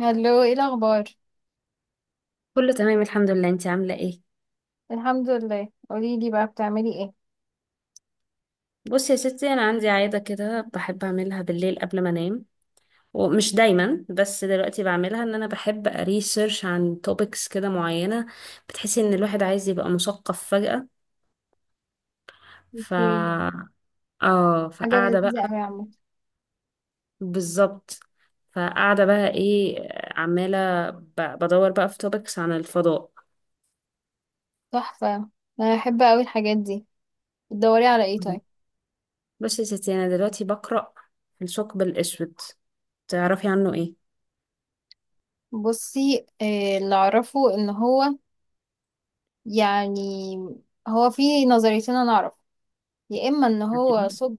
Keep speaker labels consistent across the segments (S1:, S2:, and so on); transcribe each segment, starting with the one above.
S1: هلو، ايه الاخبار؟
S2: كله تمام، الحمد لله. انتي عاملة ايه؟
S1: الحمد لله. قولي لي بقى بتعملي ايه؟
S2: بصي يا ستي، انا عندي عادة كده بحب اعملها بالليل قبل ما انام. ومش دايما، بس دلوقتي بعملها ان انا بحب ريسيرش عن توبكس كده معينة. بتحسي ان الواحد عايز يبقى مثقف فجأة. ف
S1: اوكي.
S2: اه،
S1: حاجه
S2: فقاعدة
S1: لذيذه
S2: بقى.
S1: قوي يا عم.
S2: بالظبط. فقاعدة بقى ايه؟ بدور بقى في توبكس عن الفضاء.
S1: تحفه. انا بحب قوي الحاجات دي. بتدوري على ايه طيب؟
S2: بصي يا ستي، انا دلوقتي بقرأ الثقب الاسود. تعرفي عنه ايه؟
S1: بصي، اللي اعرفه ان هو، يعني، هو في نظريتين انا اعرف. يا اما ان هو
S2: عجيبة.
S1: ثقب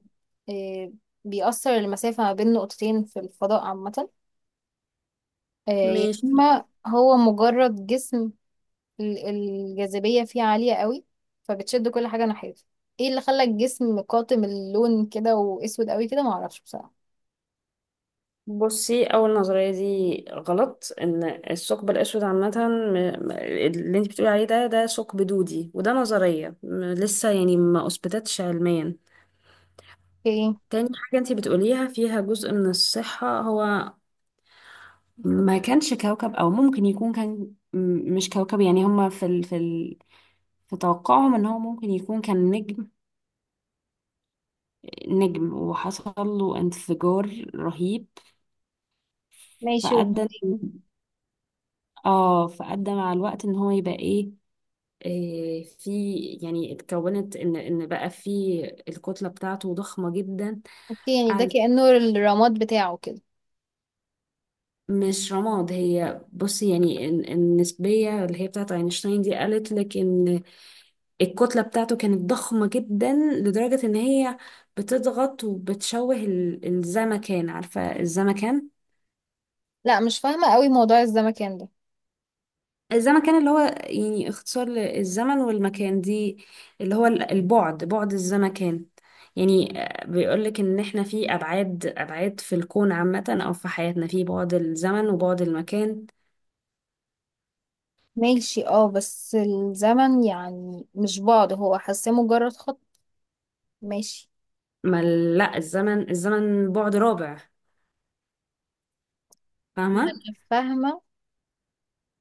S1: آه، بيأثر المسافه ما بين نقطتين في الفضاء عامه، يا
S2: ماشي.
S1: اما هو مجرد جسم. الجاذبية فيه عالية قوي فبتشد كل حاجة ناحيتها. ايه اللي خلى الجسم قاتم اللون كده واسود قوي كده؟ معرفش بصراحة.
S2: بصي، اول نظريه دي غلط. ان الثقب الاسود عامه، اللي انت بتقولي عليه ده ثقب دودي، وده نظريه لسه يعني ما اثبتتش علميا.
S1: اوكي.
S2: تاني حاجه انت بتقوليها فيها جزء من الصحه. هو ما كانش كوكب، او ممكن يكون كان مش كوكب، يعني هما في توقعهم ان هو ممكن يكون كان نجم. نجم وحصل له انفجار رهيب.
S1: ماشي
S2: فأدى
S1: وبطيء.
S2: اه فأدى مع الوقت ان هو يبقى ايه. آه، في يعني اتكونت ان بقى في، الكتله بتاعته ضخمه جدا.
S1: اوكي، يعني ده
S2: قعدت.
S1: كأنه الرماد بتاعه كده.
S2: مش رماد، هي بص. يعني النسبيه اللي هي بتاعت اينشتاين دي قالت لك ان الكتله بتاعته كانت ضخمه جدا لدرجه ان هي بتضغط وبتشوه الزمكان. عارفه الزمكان؟
S1: لا، مش فاهمة قوي موضوع الزمكان ده.
S2: الزمن كان اللي هو يعني اختصار للزمن والمكان دي، اللي هو البعد، بعد الزمكان. يعني بيقول لك ان احنا في ابعاد، ابعاد في الكون عامة، او في حياتنا في بعد الزمن وبعد المكان.
S1: ماشي، اه، بس الزمن يعني مش بعد، هو حاساه مجرد خط. ماشي.
S2: ما ال- لا، الزمن بعد رابع.
S1: ما
S2: فاهمة؟
S1: انا فاهمة،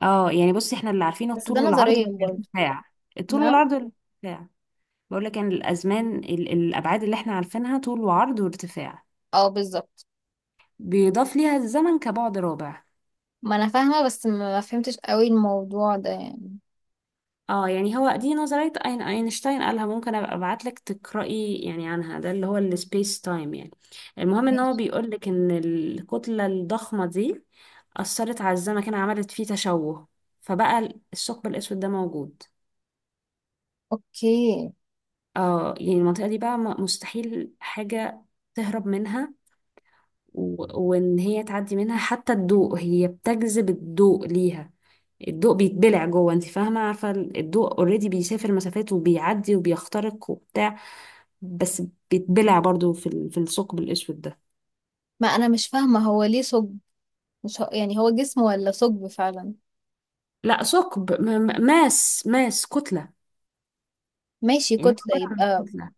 S2: اه يعني بصي، احنا اللي عارفينه
S1: بس
S2: الطول
S1: ده
S2: والعرض
S1: نظريا برضه.
S2: والارتفاع. الطول
S1: نعم.
S2: والعرض والارتفاع. بقول لك ان الازمان، الابعاد اللي احنا عارفينها طول وعرض وارتفاع،
S1: اه، بالظبط.
S2: بيضاف ليها الزمن كبعد رابع.
S1: ما انا فاهمة بس ما فهمتش قوي الموضوع ده يعني.
S2: اه يعني هو دي نظرية أينشتاين قالها. ممكن أبقى أبعتلك تقرأي يعني عنها، ده اللي هو السبيس تايم يعني. المهم إن هو
S1: ماشي.
S2: بيقولك إن الكتلة الضخمة دي أثرت على الزمكان، عملت فيه تشوه، فبقى الثقب الأسود ده موجود.
S1: اوكي.
S2: اه يعني المنطقة دي بقى مستحيل حاجة تهرب منها. و- وإن هي تعدي منها حتى الضوء، هي بتجذب الضوء ليها. الضوء بيتبلع جوه. انت فاهمه؟ عارفه الضوء اوريدي بيسافر مسافات وبيعدي وبيخترق وبتاع. بس بيتبلع برضو في الثقب الاسود ده.
S1: ما انا مش فاهمه، هو ليه ثقب؟ مش هو يعني هو جسم ولا ثقب فعلا؟
S2: لا ثقب، ماس كتله.
S1: ماشي،
S2: يعني هو
S1: كتله
S2: عباره عن
S1: يبقى.
S2: كتله.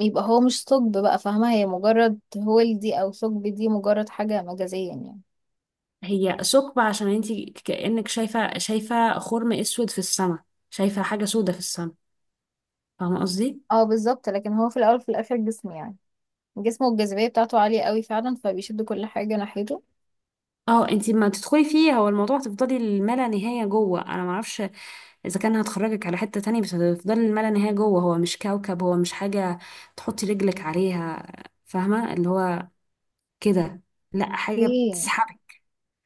S1: يبقى هو مش ثقب بقى، فاهمه؟ هي مجرد هول دي او ثقب دي مجرد حاجه مجازيه يعني.
S2: هي ثقب عشان انت كانك شايفه، خرم اسود في السماء. شايفه حاجه سودة في السماء. فاهمه قصدي؟
S1: اه، بالظبط، لكن هو في الاول وفي الاخر جسم يعني. جسمه والجاذبيه بتاعته عاليه قوي فعلا فبيشد كل حاجه ناحيته.
S2: اه انت ما تدخلي فيه، هو الموضوع هتفضلي الملا نهايه جوه. انا ما اعرفش اذا كان هتخرجك على حته تانية، بس هتفضلي الملا نهايه جوه. هو مش كوكب، هو مش حاجه تحطي رجلك عليها. فاهمه اللي هو كده. لا، حاجه
S1: ايه.
S2: بتسحبك.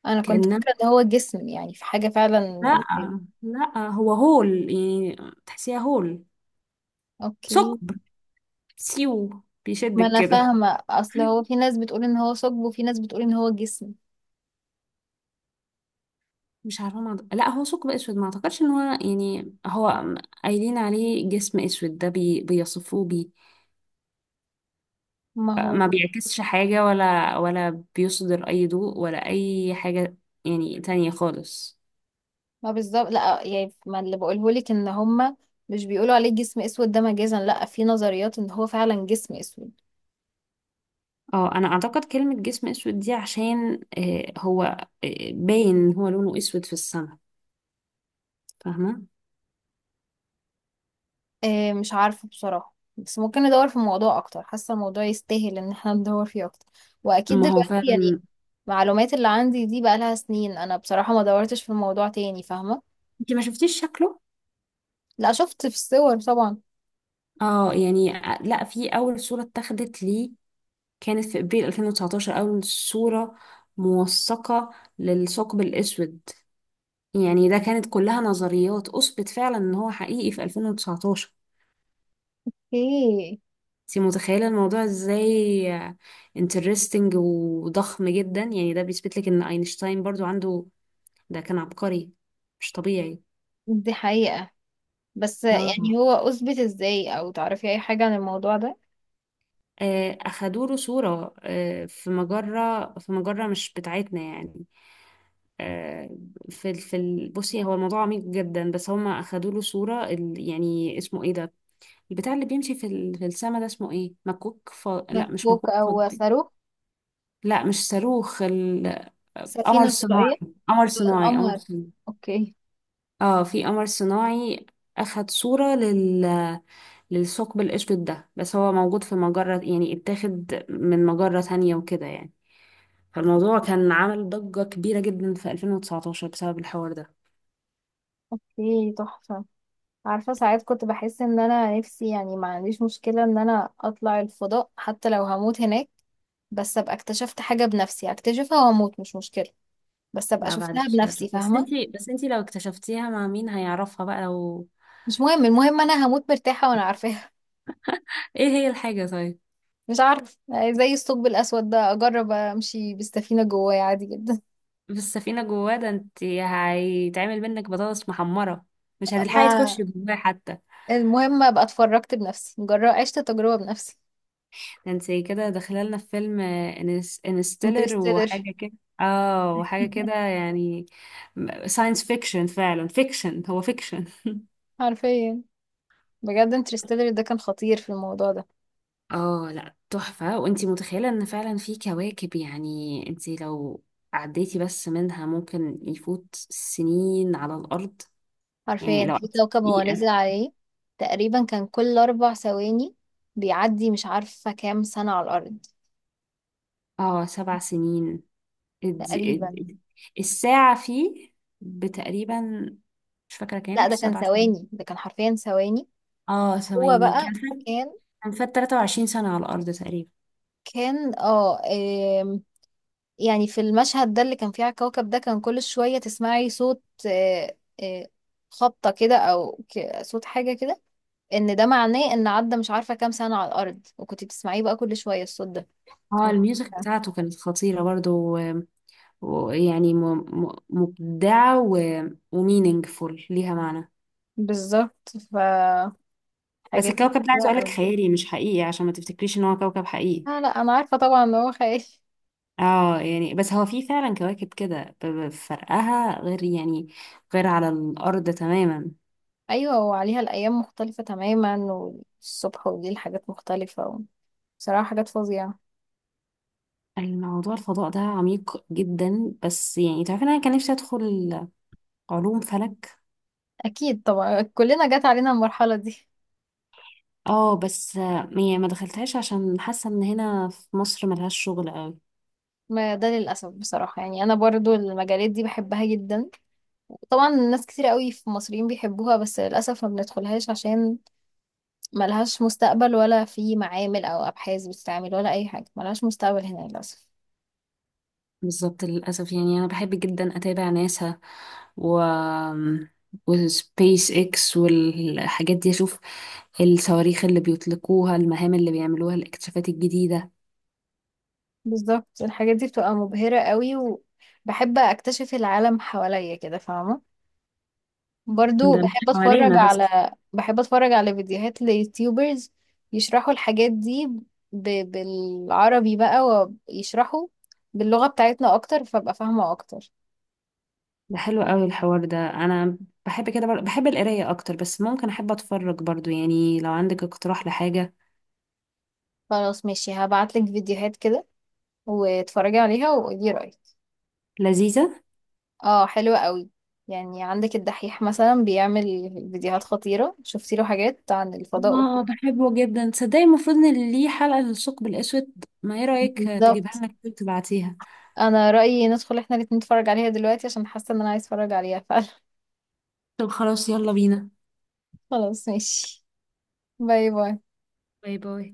S1: انا كنت فاكره ان هو جسم، يعني في حاجه فعلا.
S2: لا لا، هو هول. يعني تحسيها هول.
S1: اوكي.
S2: ثقب. سيو
S1: ما
S2: بيشدك
S1: انا
S2: كده.
S1: فاهمه، اصل هو في ناس بتقول ان هو ثقب وفي ناس بتقول ان هو جسم.
S2: مش عارفه. ما لا، هو ثقب اسود. ما اعتقدش ان هو يعني هو قايلين عليه جسم اسود ده، بيصفوه بيه.
S1: ما هو.
S2: ما بيعكسش حاجه، ولا بيصدر اي ضوء ولا اي حاجه. يعني تانية خالص.
S1: ما بالظبط، لا يعني، ما اللي بقوله لك ان هما مش بيقولوا عليه جسم اسود ده مجازا. لا، في نظريات ان هو فعلا جسم اسود.
S2: اه انا اعتقد كلمه جسم اسود دي عشان هو، باين إن هو لونه اسود في السماء. فاهمه؟
S1: إيه، مش عارفه بصراحه، بس ممكن ندور في الموضوع اكتر، حاسه الموضوع يستاهل ان احنا ندور فيه اكتر. واكيد
S2: ما هو
S1: دلوقتي يعني
S2: فعلا.
S1: المعلومات اللي عندي دي بقى لها سنين، انا بصراحه ما دورتش في الموضوع تاني، فاهمه؟
S2: انت ما شفتيش شكله؟
S1: لا، شفت في الصور طبعا.
S2: اه يعني لا، في اول صورة اتاخدت ليه كانت في ابريل 2019، اول صورة موثقة للثقب الاسود. يعني ده كانت كلها نظريات. اثبت فعلا ان هو حقيقي في 2019.
S1: ايه.
S2: انت متخيلة الموضوع ازاي؟ انترستنج وضخم جدا. يعني ده بيثبت لك ان اينشتاين برضو عنده، ده كان عبقري مش طبيعي.
S1: دي حقيقه. بس يعني
S2: اه،
S1: هو اثبت ازاي؟ او تعرفي اي حاجه عن الموضوع ده؟
S2: اخدوا له صورة. في مجرة، في مجرة مش بتاعتنا يعني. آه، بصي، هو الموضوع عميق جدا، بس هما اخدوا له صورة يعني اسمه ايه ده، البتاع اللي بيمشي في السما ده اسمه ايه، مكوك. لا، مش
S1: مكوك
S2: مكوك
S1: او
S2: فضائي.
S1: صاروخ.
S2: لا، مش صاروخ. قمر
S1: سفينه فضائيه.
S2: صناعي. قمر صناعي، قمر
S1: القمر.
S2: صناعي.
S1: اوكي.
S2: اه في قمر صناعي اخد صورة للثقب الاسود ده، بس هو موجود في مجرة، يعني اتاخد من مجرة تانية وكده يعني. فالموضوع كان عمل ضجة كبيرة جدا في 2019 بسبب الحوار ده.
S1: اوكي، تحفة. عارفة، ساعات كنت بحس ان انا نفسي، يعني، ما عنديش مشكلة ان انا اطلع الفضاء حتى لو هموت هناك. بس ابقى اكتشفت حاجة بنفسي، اكتشفها واموت مش مشكلة. بس ابقى
S2: لا بعد
S1: شفتها
S2: الشر،
S1: بنفسي،
S2: بس
S1: فاهمة؟
S2: انتي بس انتي لو اكتشفتيها مع مين هيعرفها بقى لو.
S1: مش مهم، المهم انا هموت مرتاحة وانا عارفاها.
S2: ايه هي الحاجة طيب؟
S1: مش عارف. زي الثقب الاسود ده، اجرب امشي بالسفينة جوايا عادي جدا.
S2: بالسفينة جواه؟ ده انتي هيتعمل منك بطاطس محمرة. مش هتلحقي
S1: ما
S2: تخشي جواه حتى.
S1: المهم ابقى اتفرجت بنفسي، جرب عشت تجربة بنفسي.
S2: ده انتي كده داخلة لنا في فيلم انستيلر
S1: انترستيلر.
S2: وحاجة كده. اه وحاجة كده يعني، ساينس فيكشن. فعلا فيكشن، هو فيكشن.
S1: حرفيا. بجد انترستيلر ده كان خطير في الموضوع ده.
S2: اه لا، تحفة. وانتي متخيلة ان فعلا في كواكب، يعني انتي لو عديتي بس منها ممكن يفوت سنين على الارض. يعني لو
S1: حرفيا في
S2: قعدتي
S1: كوكب هو
S2: دقيقة،
S1: نزل عليه. تقريبا كان كل 4 ثواني بيعدي مش عارفة كام سنة على الأرض.
S2: اه سبع سنين. الد-
S1: تقريبا.
S2: الد- الساعة فيه بتقريبا، مش فاكرة
S1: لا،
S2: كام،
S1: ده كان
S2: سبع سنين.
S1: ثواني، ده كان حرفيا ثواني.
S2: اه
S1: هو
S2: ثواني
S1: بقى
S2: كان فات
S1: كان
S2: كان فات 23 سنة على الارض تقريبا.
S1: كان آم، يعني في المشهد ده اللي كان فيه على الكوكب ده كان كل شوية تسمعي صوت، آه، خبطة كده أو صوت حاجة كده. إن ده معناه إن عدى مش عارفة كام سنة على الأرض، وكنت بتسمعيه بقى كل شوية الصوت ده.
S2: اه الميوزك
S1: كان
S2: بتاعته كانت خطيرة برضو، ويعني مبدعة، ومينينجفول، ليها معنى.
S1: بالظبط.
S2: بس
S1: الحاجات دي
S2: الكوكب ده عايزه
S1: كتيرة
S2: اقول لك
S1: أوي.
S2: خيالي مش حقيقي، عشان ما تفتكريش ان هو كوكب حقيقي.
S1: لا لا، أنا عارفة طبعا إن هو خايف.
S2: اه يعني، بس هو في فعلا كواكب كده فرقها غير، يعني غير على الارض تماما.
S1: أيوة، وعليها الأيام مختلفة تماما، والصبح وليل حاجات مختلفة. بصراحة حاجات فظيعة.
S2: الموضوع الفضاء ده عميق جدا، بس يعني تعرفين انا كان نفسي ادخل علوم فلك.
S1: أكيد طبعا، كلنا جت علينا المرحلة دي.
S2: اه بس يعني ما دخلتهاش عشان حاسه ان هنا في مصر ملهاش شغل قوي.
S1: ما ده للأسف. بصراحة يعني أنا برضو المجالات دي بحبها جدا. طبعا ناس كتير قوي في مصريين بيحبوها، بس للأسف ما بندخلهاش عشان ملهاش مستقبل، ولا في معامل أو أبحاث بتتعمل، ولا أي حاجة. ملهاش مستقبل هنا للأسف.
S2: بالظبط، للأسف. يعني أنا بحب جدا أتابع ناسا و وسبيس اكس والحاجات دي. أشوف الصواريخ اللي بيطلقوها، المهام اللي بيعملوها، الاكتشافات الجديدة.
S1: بالظبط، الحاجات دي بتبقى مبهرة قوي. وبحب اكتشف العالم حواليا كده، فاهمة؟ برضو
S2: ده مش
S1: بحب اتفرج
S2: حوالينا بس.
S1: على بحب اتفرج على فيديوهات ليوتيوبرز يشرحوا الحاجات دي ب... بالعربي بقى، ويشرحوا باللغة بتاعتنا اكتر فابقى فاهمة اكتر.
S2: ده حلو قوي الحوار ده. أنا بحب كده، بحب القراية أكتر، بس ممكن أحب أتفرج برضو يعني. لو عندك اقتراح لحاجة
S1: خلاص ماشي، هبعتلك فيديوهات كده واتفرجي عليها وقولي رأيك.
S2: لذيذة.
S1: اه، حلوة قوي. يعني عندك الدحيح مثلا بيعمل فيديوهات خطيرة، شفتي له حاجات عن الفضاء وكده.
S2: اه بحبه جدا. تصدقي المفروض إن ليه حلقة للثقب الأسود؟ ما إيه رأيك تجيبها
S1: بالظبط.
S2: لنا كده تبعتيها.
S1: انا رأيي ندخل احنا الاتنين نتفرج عليها دلوقتي، عشان حاسة ان انا عايز اتفرج عليها فعلا.
S2: طب خلاص، يلا بينا.
S1: خلاص، ماشي. باي باي.
S2: باي باي.